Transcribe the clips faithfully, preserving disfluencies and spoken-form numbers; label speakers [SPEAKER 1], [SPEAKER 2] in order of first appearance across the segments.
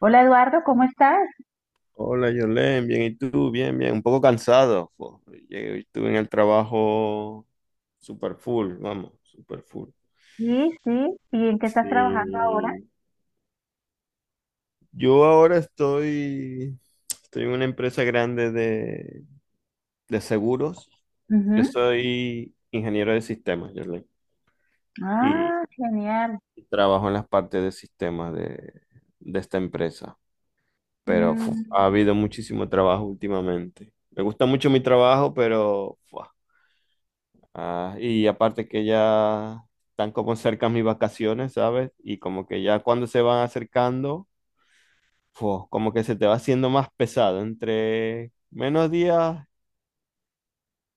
[SPEAKER 1] Hola Eduardo, ¿cómo estás?
[SPEAKER 2] Hola, Yolén, bien, ¿y tú? Bien, bien, un poco cansado, po. Llegué, estuve en el trabajo super full, vamos, super full.
[SPEAKER 1] Sí, sí. ¿Y en qué estás trabajando ahora?
[SPEAKER 2] Sí. Yo ahora estoy, estoy en una empresa grande de, de seguros. Yo
[SPEAKER 1] Ujú.
[SPEAKER 2] soy ingeniero de sistemas, Yolén, y
[SPEAKER 1] Ah, genial.
[SPEAKER 2] trabajo en las partes de sistemas de, de esta empresa. Pero fu,
[SPEAKER 1] Mm,
[SPEAKER 2] ha habido muchísimo trabajo últimamente. Me gusta mucho mi trabajo, pero fu, ah, y aparte que ya están como cerca mis vacaciones, ¿sabes? Y como que ya cuando se van acercando, fu, como que se te va haciendo más pesado. Entre menos días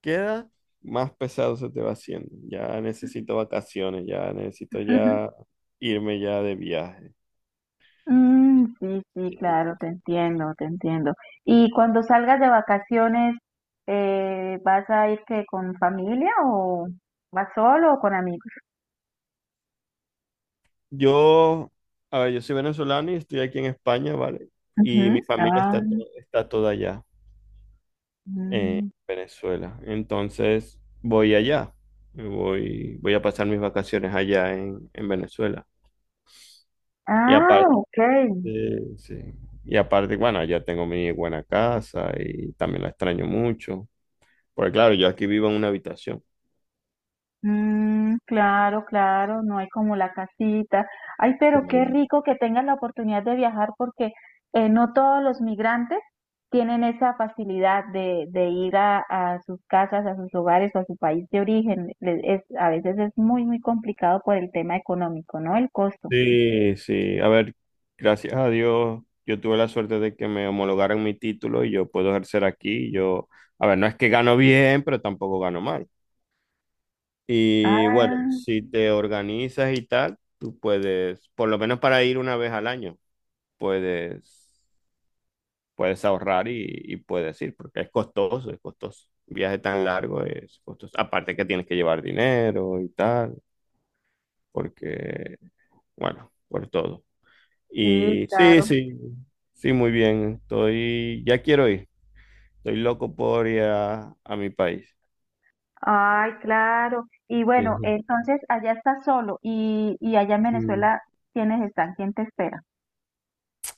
[SPEAKER 2] queda, más pesado se te va haciendo. Ya necesito vacaciones, ya necesito ya irme ya de viaje.
[SPEAKER 1] mm, sí, sí,
[SPEAKER 2] Y
[SPEAKER 1] claro, te entiendo, te entiendo. ¿Y cuando salgas de vacaciones, eh, vas a ir que con familia o vas solo o con amigos?
[SPEAKER 2] yo, a ver, yo soy venezolano y estoy aquí en España, ¿vale? Y mi
[SPEAKER 1] Ujú.
[SPEAKER 2] familia
[SPEAKER 1] Ah,
[SPEAKER 2] está, to- está toda allá, en
[SPEAKER 1] mm.
[SPEAKER 2] Venezuela. Entonces voy allá, voy, voy a pasar mis vacaciones allá en, en Venezuela. Y
[SPEAKER 1] Ah,
[SPEAKER 2] aparte,
[SPEAKER 1] ok.
[SPEAKER 2] sí, y aparte, bueno, allá tengo mi buena casa y también la extraño mucho, porque claro, yo aquí vivo en una habitación.
[SPEAKER 1] Mm, claro, claro, no hay como la casita. Ay,
[SPEAKER 2] Sí,
[SPEAKER 1] pero qué rico que tengas la oportunidad de viajar porque eh, no todos los migrantes tienen esa facilidad de, de ir a, a sus casas, a sus hogares o a su país de origen. Le- Es, a veces es muy, muy complicado por el tema económico, ¿no? El costo.
[SPEAKER 2] sí, sí. A ver, gracias a Dios, yo tuve la suerte de que me homologaran mi título y yo puedo ejercer aquí. Yo, a ver, no es que gano bien, pero tampoco gano mal. Y bueno,
[SPEAKER 1] Ah,
[SPEAKER 2] si te organizas y tal, tú puedes, por lo menos para ir una vez al año, puedes, puedes ahorrar y, y puedes ir, porque es costoso, es costoso. Un viaje tan largo es costoso. Aparte que tienes que llevar dinero y tal, porque, bueno, por todo.
[SPEAKER 1] sí,
[SPEAKER 2] Y sí,
[SPEAKER 1] claro.
[SPEAKER 2] sí, sí, muy bien. Estoy, ya quiero ir. Estoy loco por ir a, a mi país.
[SPEAKER 1] Ay, claro. Y bueno, entonces allá estás solo y, y allá en
[SPEAKER 2] Sí.
[SPEAKER 1] Venezuela, ¿quiénes están? ¿Quién te espera?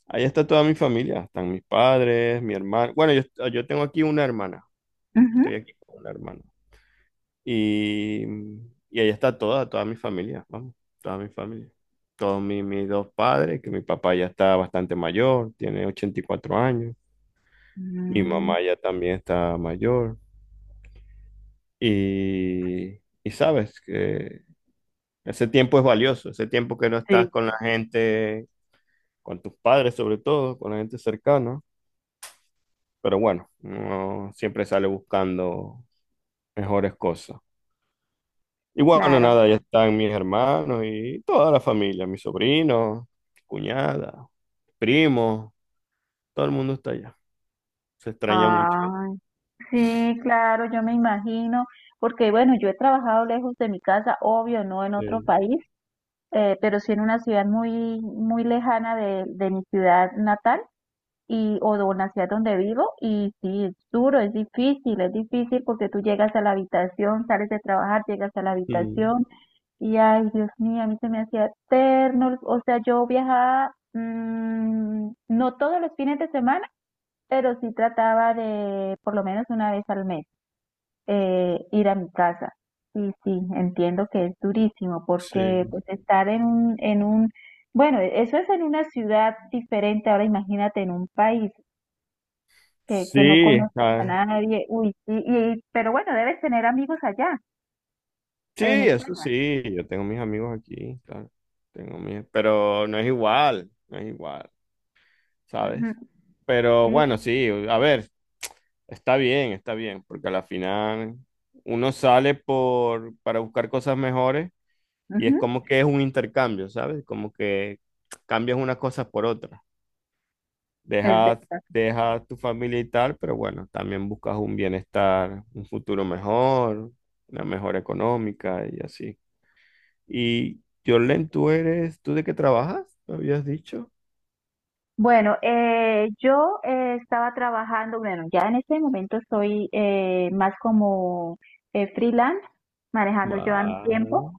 [SPEAKER 2] Ahí está toda mi familia, están mis padres, mi hermano. Bueno, yo, yo tengo aquí una hermana,
[SPEAKER 1] Ujú.
[SPEAKER 2] estoy aquí con una hermana. Y, y ahí está toda, toda mi familia, vamos, toda mi familia. Todos mi- mis dos padres, que mi papá ya está bastante mayor, tiene ochenta y cuatro años, mi
[SPEAKER 1] Mm,
[SPEAKER 2] mamá ya también está mayor. Y, y sabes que ese tiempo es valioso, ese tiempo que no estás
[SPEAKER 1] Sí,
[SPEAKER 2] con la gente, con tus padres sobre todo, con la gente cercana. Pero bueno, uno siempre sale buscando mejores cosas. Y bueno,
[SPEAKER 1] claro.
[SPEAKER 2] nada, ya están mis hermanos y toda la familia, mis sobrinos, cuñada, primos, todo el mundo está allá. Se extraña mucho.
[SPEAKER 1] Ay, sí, claro, yo me imagino, porque bueno, yo he trabajado lejos de mi casa, obvio, no en
[SPEAKER 2] Sí.
[SPEAKER 1] otro país, eh, pero sí en una ciudad muy, muy lejana de, de mi ciudad natal y o de una ciudad donde vivo y sí, es duro, es difícil, es difícil porque tú llegas a la habitación, sales de trabajar, llegas a la
[SPEAKER 2] Mm,
[SPEAKER 1] habitación y ay, Dios mío, a mí se me hacía eterno, o sea, yo viajaba mm, no todos los fines de semana pero sí trataba de por lo menos una vez al mes, eh, ir a mi casa. Sí, sí, entiendo que es durísimo porque
[SPEAKER 2] sí.
[SPEAKER 1] pues estar en un, en un, bueno, eso es en una ciudad diferente. Ahora imagínate en un país que, que no
[SPEAKER 2] Sí,
[SPEAKER 1] conozcas a
[SPEAKER 2] ah,
[SPEAKER 1] nadie. Uy, sí, y pero bueno, debes tener amigos allá,
[SPEAKER 2] sí,
[SPEAKER 1] en
[SPEAKER 2] eso
[SPEAKER 1] España.
[SPEAKER 2] sí, yo tengo mis amigos aquí, claro. Tengo mis, pero no es igual, no es igual,
[SPEAKER 1] Ujú,
[SPEAKER 2] ¿sabes? Pero
[SPEAKER 1] sí,
[SPEAKER 2] bueno, sí, a ver, está bien, está bien, porque a la final uno sale por, para buscar cosas mejores y es
[SPEAKER 1] ujú,
[SPEAKER 2] como que es un intercambio, ¿sabes? Como que cambias unas cosas por otras.
[SPEAKER 1] es
[SPEAKER 2] Dejas,
[SPEAKER 1] verdad.
[SPEAKER 2] dejas tu familia y tal, pero bueno, también buscas un bienestar, un futuro mejor, una mejora económica y así. Y Jorlen, ¿tú eres, tú de qué trabajas? ¿Me habías dicho?
[SPEAKER 1] Bueno, eh, yo, eh, estaba trabajando, bueno, ya en este momento soy, eh, más como, eh, freelance, manejando yo a mi tiempo,
[SPEAKER 2] Vale,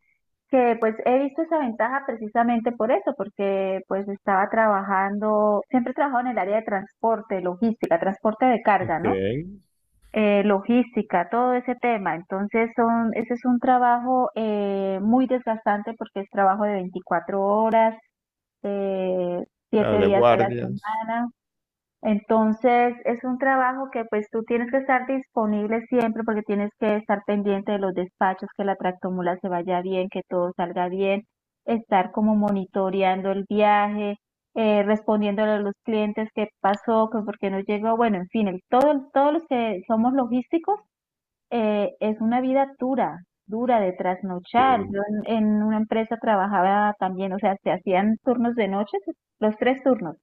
[SPEAKER 1] que pues he visto esa ventaja precisamente por eso, porque pues estaba trabajando, siempre he trabajado en el área de transporte, logística, transporte de carga, ¿no?
[SPEAKER 2] ok.
[SPEAKER 1] Eh, logística, todo ese tema. Entonces, son, ese es un trabajo, eh, muy desgastante porque es trabajo de veinticuatro horas, eh,
[SPEAKER 2] Claro,
[SPEAKER 1] siete
[SPEAKER 2] de
[SPEAKER 1] días a la
[SPEAKER 2] guardias.
[SPEAKER 1] semana. Entonces, es un trabajo que pues tú tienes que estar disponible siempre porque tienes que estar pendiente de los despachos, que la tractomula se vaya bien, que todo salga bien, estar como monitoreando el viaje, eh, respondiéndole a los clientes qué pasó, que por qué no llegó, bueno, en fin, el, todo, el- todos los que somos logísticos, eh, es una vida dura, dura de trasnochar. Yo
[SPEAKER 2] Sí,
[SPEAKER 1] en en una empresa trabajaba también, o sea, se hacían turnos de noche, los tres turnos.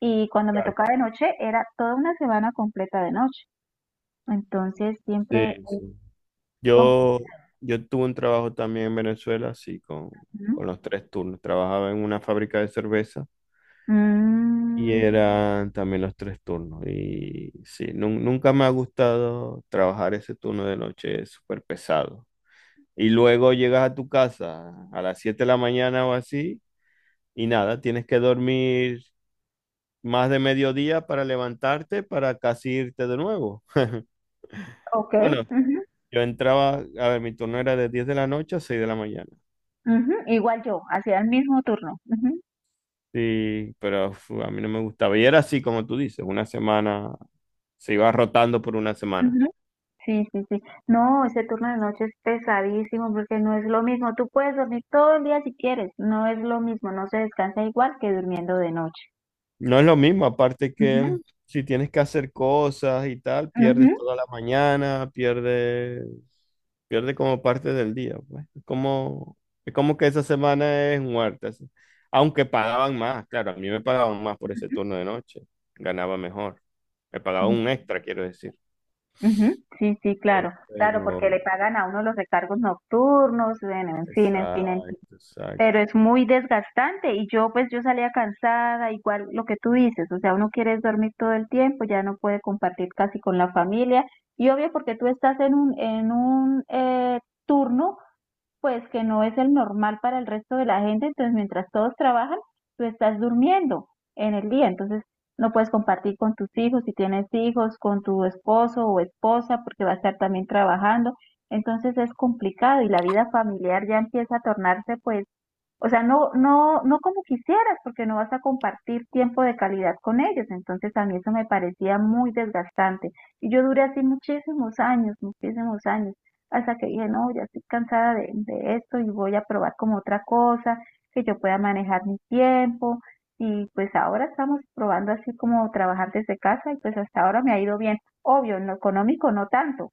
[SPEAKER 1] Y cuando me
[SPEAKER 2] claro.
[SPEAKER 1] tocaba de noche, era toda una semana completa de noche. Entonces,
[SPEAKER 2] Sí,
[SPEAKER 1] siempre... es
[SPEAKER 2] sí.
[SPEAKER 1] com-
[SPEAKER 2] Yo, yo tuve un trabajo también en Venezuela, así con,
[SPEAKER 1] Ujú.
[SPEAKER 2] con los tres turnos. Trabajaba en una fábrica de cerveza y
[SPEAKER 1] Mm,
[SPEAKER 2] eran también los tres turnos. Y sí, nun- nunca me ha gustado trabajar ese turno de noche, es súper pesado. Y luego llegas a tu casa a las siete de la mañana o así, y nada, tienes que dormir más de mediodía para levantarte, para casi irte de nuevo.
[SPEAKER 1] ok.
[SPEAKER 2] Bueno,
[SPEAKER 1] Ujú,
[SPEAKER 2] yo entraba, a ver, mi turno era de diez de la noche a seis de la mañana.
[SPEAKER 1] ujú. Igual yo, hacía el mismo turno. Ujú,
[SPEAKER 2] Sí, pero uf, a mí no me gustaba. Y era así, como tú dices, una semana, se iba rotando por una semana.
[SPEAKER 1] ujú. Sí, sí, sí. No, ese turno de noche es pesadísimo porque no es lo mismo. Tú puedes dormir todo el día si quieres. No es lo mismo. No se descansa igual que durmiendo de noche.
[SPEAKER 2] No es lo mismo, aparte
[SPEAKER 1] Ujú,
[SPEAKER 2] que si tienes que hacer cosas y tal, pierdes
[SPEAKER 1] ujú,
[SPEAKER 2] toda la mañana, pierdes, pierde como parte del día, pues. Es como, es como que esa semana es muerta, así. Aunque pagaban más, claro, a mí me pagaban más por ese turno de noche, ganaba mejor. Me pagaban
[SPEAKER 1] ujú,
[SPEAKER 2] un extra, quiero decir.
[SPEAKER 1] ujú. Sí, sí,
[SPEAKER 2] Pero,
[SPEAKER 1] claro. Claro,
[SPEAKER 2] pero,
[SPEAKER 1] porque le pagan a uno los recargos nocturnos. Bueno, en fin, en fin, en
[SPEAKER 2] exacto,
[SPEAKER 1] fin. Pero
[SPEAKER 2] exacto.
[SPEAKER 1] es muy desgastante y yo, pues, yo salía cansada, igual lo que tú dices, o sea, uno quiere es dormir todo el tiempo, ya no puede compartir casi con la familia y obvio porque tú estás en un, en un eh, turno pues que no es el normal para el resto de la gente. Entonces, mientras todos trabajan, tú estás durmiendo en el día. Entonces, no puedes compartir con tus hijos, si tienes hijos, con tu esposo o esposa porque va a estar también trabajando. Entonces, es complicado y la vida familiar ya empieza a tornarse, pues, o sea, no, no, no como quisieras, porque no vas a compartir tiempo de calidad con ellos. Entonces, a mí eso me parecía muy desgastante. Y yo duré así muchísimos años, muchísimos años, hasta que dije, no, ya estoy cansada de, de esto y voy a probar como otra cosa, que yo pueda manejar mi tiempo. Y pues ahora estamos probando así como trabajar desde casa y pues hasta ahora me ha ido bien. Obvio, en lo económico no tanto,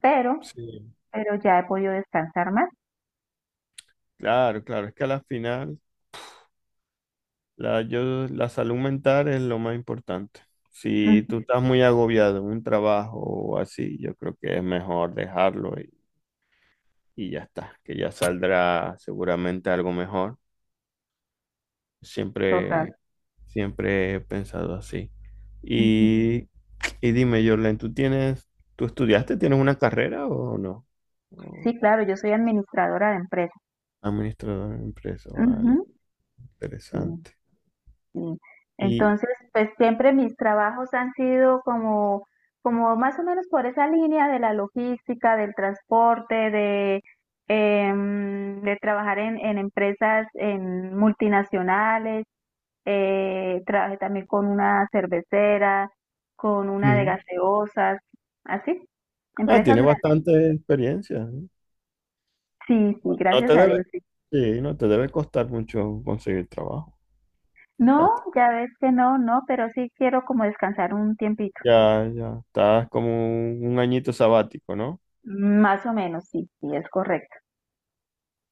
[SPEAKER 1] pero,
[SPEAKER 2] Sí,
[SPEAKER 1] pero ya he podido descansar más.
[SPEAKER 2] claro, claro, es que a la final la, yo, la salud mental es lo más importante. Si tú
[SPEAKER 1] Ujú,
[SPEAKER 2] estás muy agobiado en un trabajo o así, yo creo que es mejor dejarlo y, y ya está, que ya saldrá seguramente algo mejor.
[SPEAKER 1] total.
[SPEAKER 2] Siempre, siempre he pensado así.
[SPEAKER 1] Ujú.
[SPEAKER 2] Y, y dime, Jorlen, ¿tú tienes, tú estudiaste, tienes una carrera o no? O
[SPEAKER 1] Sí, claro, yo soy administradora de empresa.
[SPEAKER 2] administrador de empresa,
[SPEAKER 1] Ujú,
[SPEAKER 2] vale,
[SPEAKER 1] sí,
[SPEAKER 2] interesante.
[SPEAKER 1] sí.
[SPEAKER 2] Y,
[SPEAKER 1] Entonces, pues siempre mis trabajos han sido como, como más o menos por esa línea de la logística, del transporte, de, em, de trabajar en, en empresas en multinacionales. Eh, trabajé también con una cervecera, con una de gaseosas, así,
[SPEAKER 2] ah,
[SPEAKER 1] empresas
[SPEAKER 2] tiene
[SPEAKER 1] grandes.
[SPEAKER 2] bastante experiencia, ¿sí?
[SPEAKER 1] Sí, sí,
[SPEAKER 2] No
[SPEAKER 1] gracias
[SPEAKER 2] te
[SPEAKER 1] a
[SPEAKER 2] debe,
[SPEAKER 1] Dios.
[SPEAKER 2] sí, no te debe costar mucho conseguir trabajo. Ya
[SPEAKER 1] No,
[SPEAKER 2] está.
[SPEAKER 1] ya ves que no, no, pero sí quiero como descansar un tiempito.
[SPEAKER 2] Ya, ya. Estás como un un añito sabático, ¿no?
[SPEAKER 1] Más o menos, sí, sí, es correcto.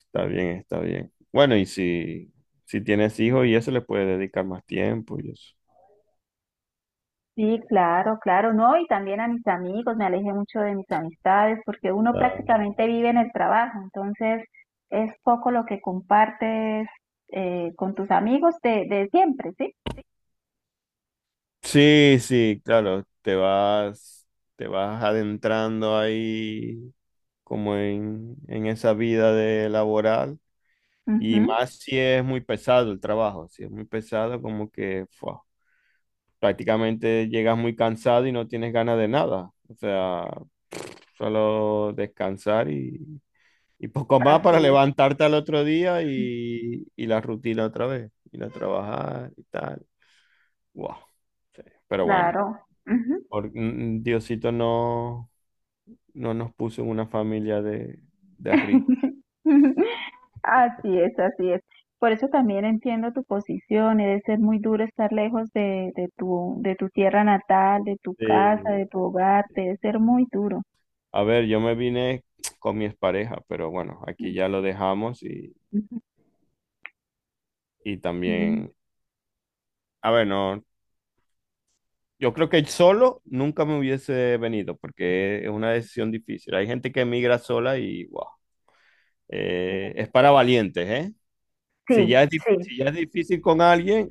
[SPEAKER 2] Está bien, está bien. Bueno, y si, si tienes hijos y eso le puedes dedicar más tiempo y eso.
[SPEAKER 1] Sí, claro, claro, no, y también a mis amigos, me alejé mucho de mis amistades porque uno
[SPEAKER 2] Está-
[SPEAKER 1] prácticamente vive en el trabajo, entonces es poco lo que compartes, eh, con tus amigos de, de siempre, ¿sí?
[SPEAKER 2] sí, sí, claro. Te vas, te vas adentrando ahí como en, en esa vida de laboral. Y
[SPEAKER 1] Ujú,
[SPEAKER 2] más si es muy pesado el trabajo, si es muy pesado, como que fua, prácticamente llegas muy cansado y no tienes ganas de nada. O sea, solo descansar y, y poco más
[SPEAKER 1] así
[SPEAKER 2] para
[SPEAKER 1] es,
[SPEAKER 2] levantarte al otro día y, y la rutina otra vez, ir a trabajar y tal. Wow. Pero bueno,
[SPEAKER 1] claro.
[SPEAKER 2] por- mm, mm, Diosito no, no nos puso en una familia de, de ricos.
[SPEAKER 1] Así es, así es. Por eso también entiendo tu posición, debe ser muy duro estar lejos de, de tu, de tu tierra natal, de tu casa, de
[SPEAKER 2] Sí,
[SPEAKER 1] tu hogar, debe ser muy duro.
[SPEAKER 2] a ver, yo me vine con mi expareja, pero bueno, aquí ya lo dejamos y,
[SPEAKER 1] Ujú,
[SPEAKER 2] y
[SPEAKER 1] ujú.
[SPEAKER 2] también, a ver, no, yo creo que solo nunca me hubiese venido porque es una decisión difícil. Hay gente que emigra sola y, wow, eh, es para valientes, ¿eh? Si ya es,
[SPEAKER 1] Sí,
[SPEAKER 2] dif-
[SPEAKER 1] sí.
[SPEAKER 2] si ya es difícil con alguien,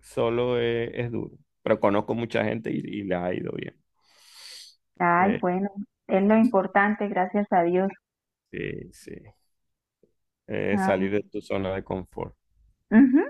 [SPEAKER 2] solo es, es duro. Pero conozco mucha gente y, y les ha ido bien.
[SPEAKER 1] Ay,
[SPEAKER 2] Eh,
[SPEAKER 1] bueno, es lo importante, gracias a Dios.
[SPEAKER 2] sí, sí. Eh,
[SPEAKER 1] Ah,
[SPEAKER 2] salir de tu zona de confort.
[SPEAKER 1] ujú,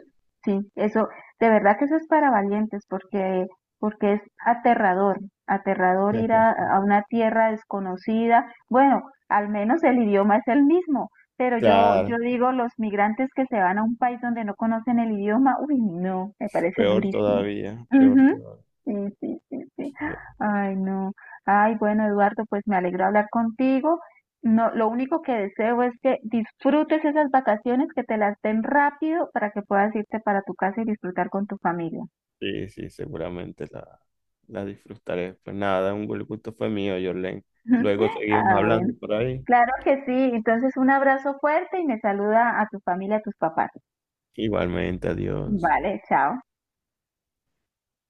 [SPEAKER 1] sí, eso, de verdad que eso es para valientes, porque, porque es aterrador, aterrador ir a, a una tierra desconocida. Bueno, al menos el idioma es el mismo, pero yo, yo
[SPEAKER 2] Claro,
[SPEAKER 1] digo, los migrantes que se van a un país donde no conocen el idioma, uy, no, me parece
[SPEAKER 2] peor
[SPEAKER 1] durísimo.
[SPEAKER 2] todavía, peor
[SPEAKER 1] Ujú,
[SPEAKER 2] todavía.
[SPEAKER 1] sí, sí, sí, sí.
[SPEAKER 2] Eh,
[SPEAKER 1] Ay, no. Ay, bueno, Eduardo, pues me alegro hablar contigo. No, lo único que deseo es que disfrutes esas vacaciones, que te las den rápido para que puedas irte para tu casa y disfrutar con tu familia.
[SPEAKER 2] Sí, sí, seguramente la, la disfrutaré. Pues nada, un buen gusto fue mío, Jorlen. Luego seguimos
[SPEAKER 1] Ah, bueno.
[SPEAKER 2] hablando por ahí.
[SPEAKER 1] Claro que sí. Entonces, un abrazo fuerte y me saluda a tu familia, a tus papás.
[SPEAKER 2] Igualmente, adiós.
[SPEAKER 1] Vale, chao.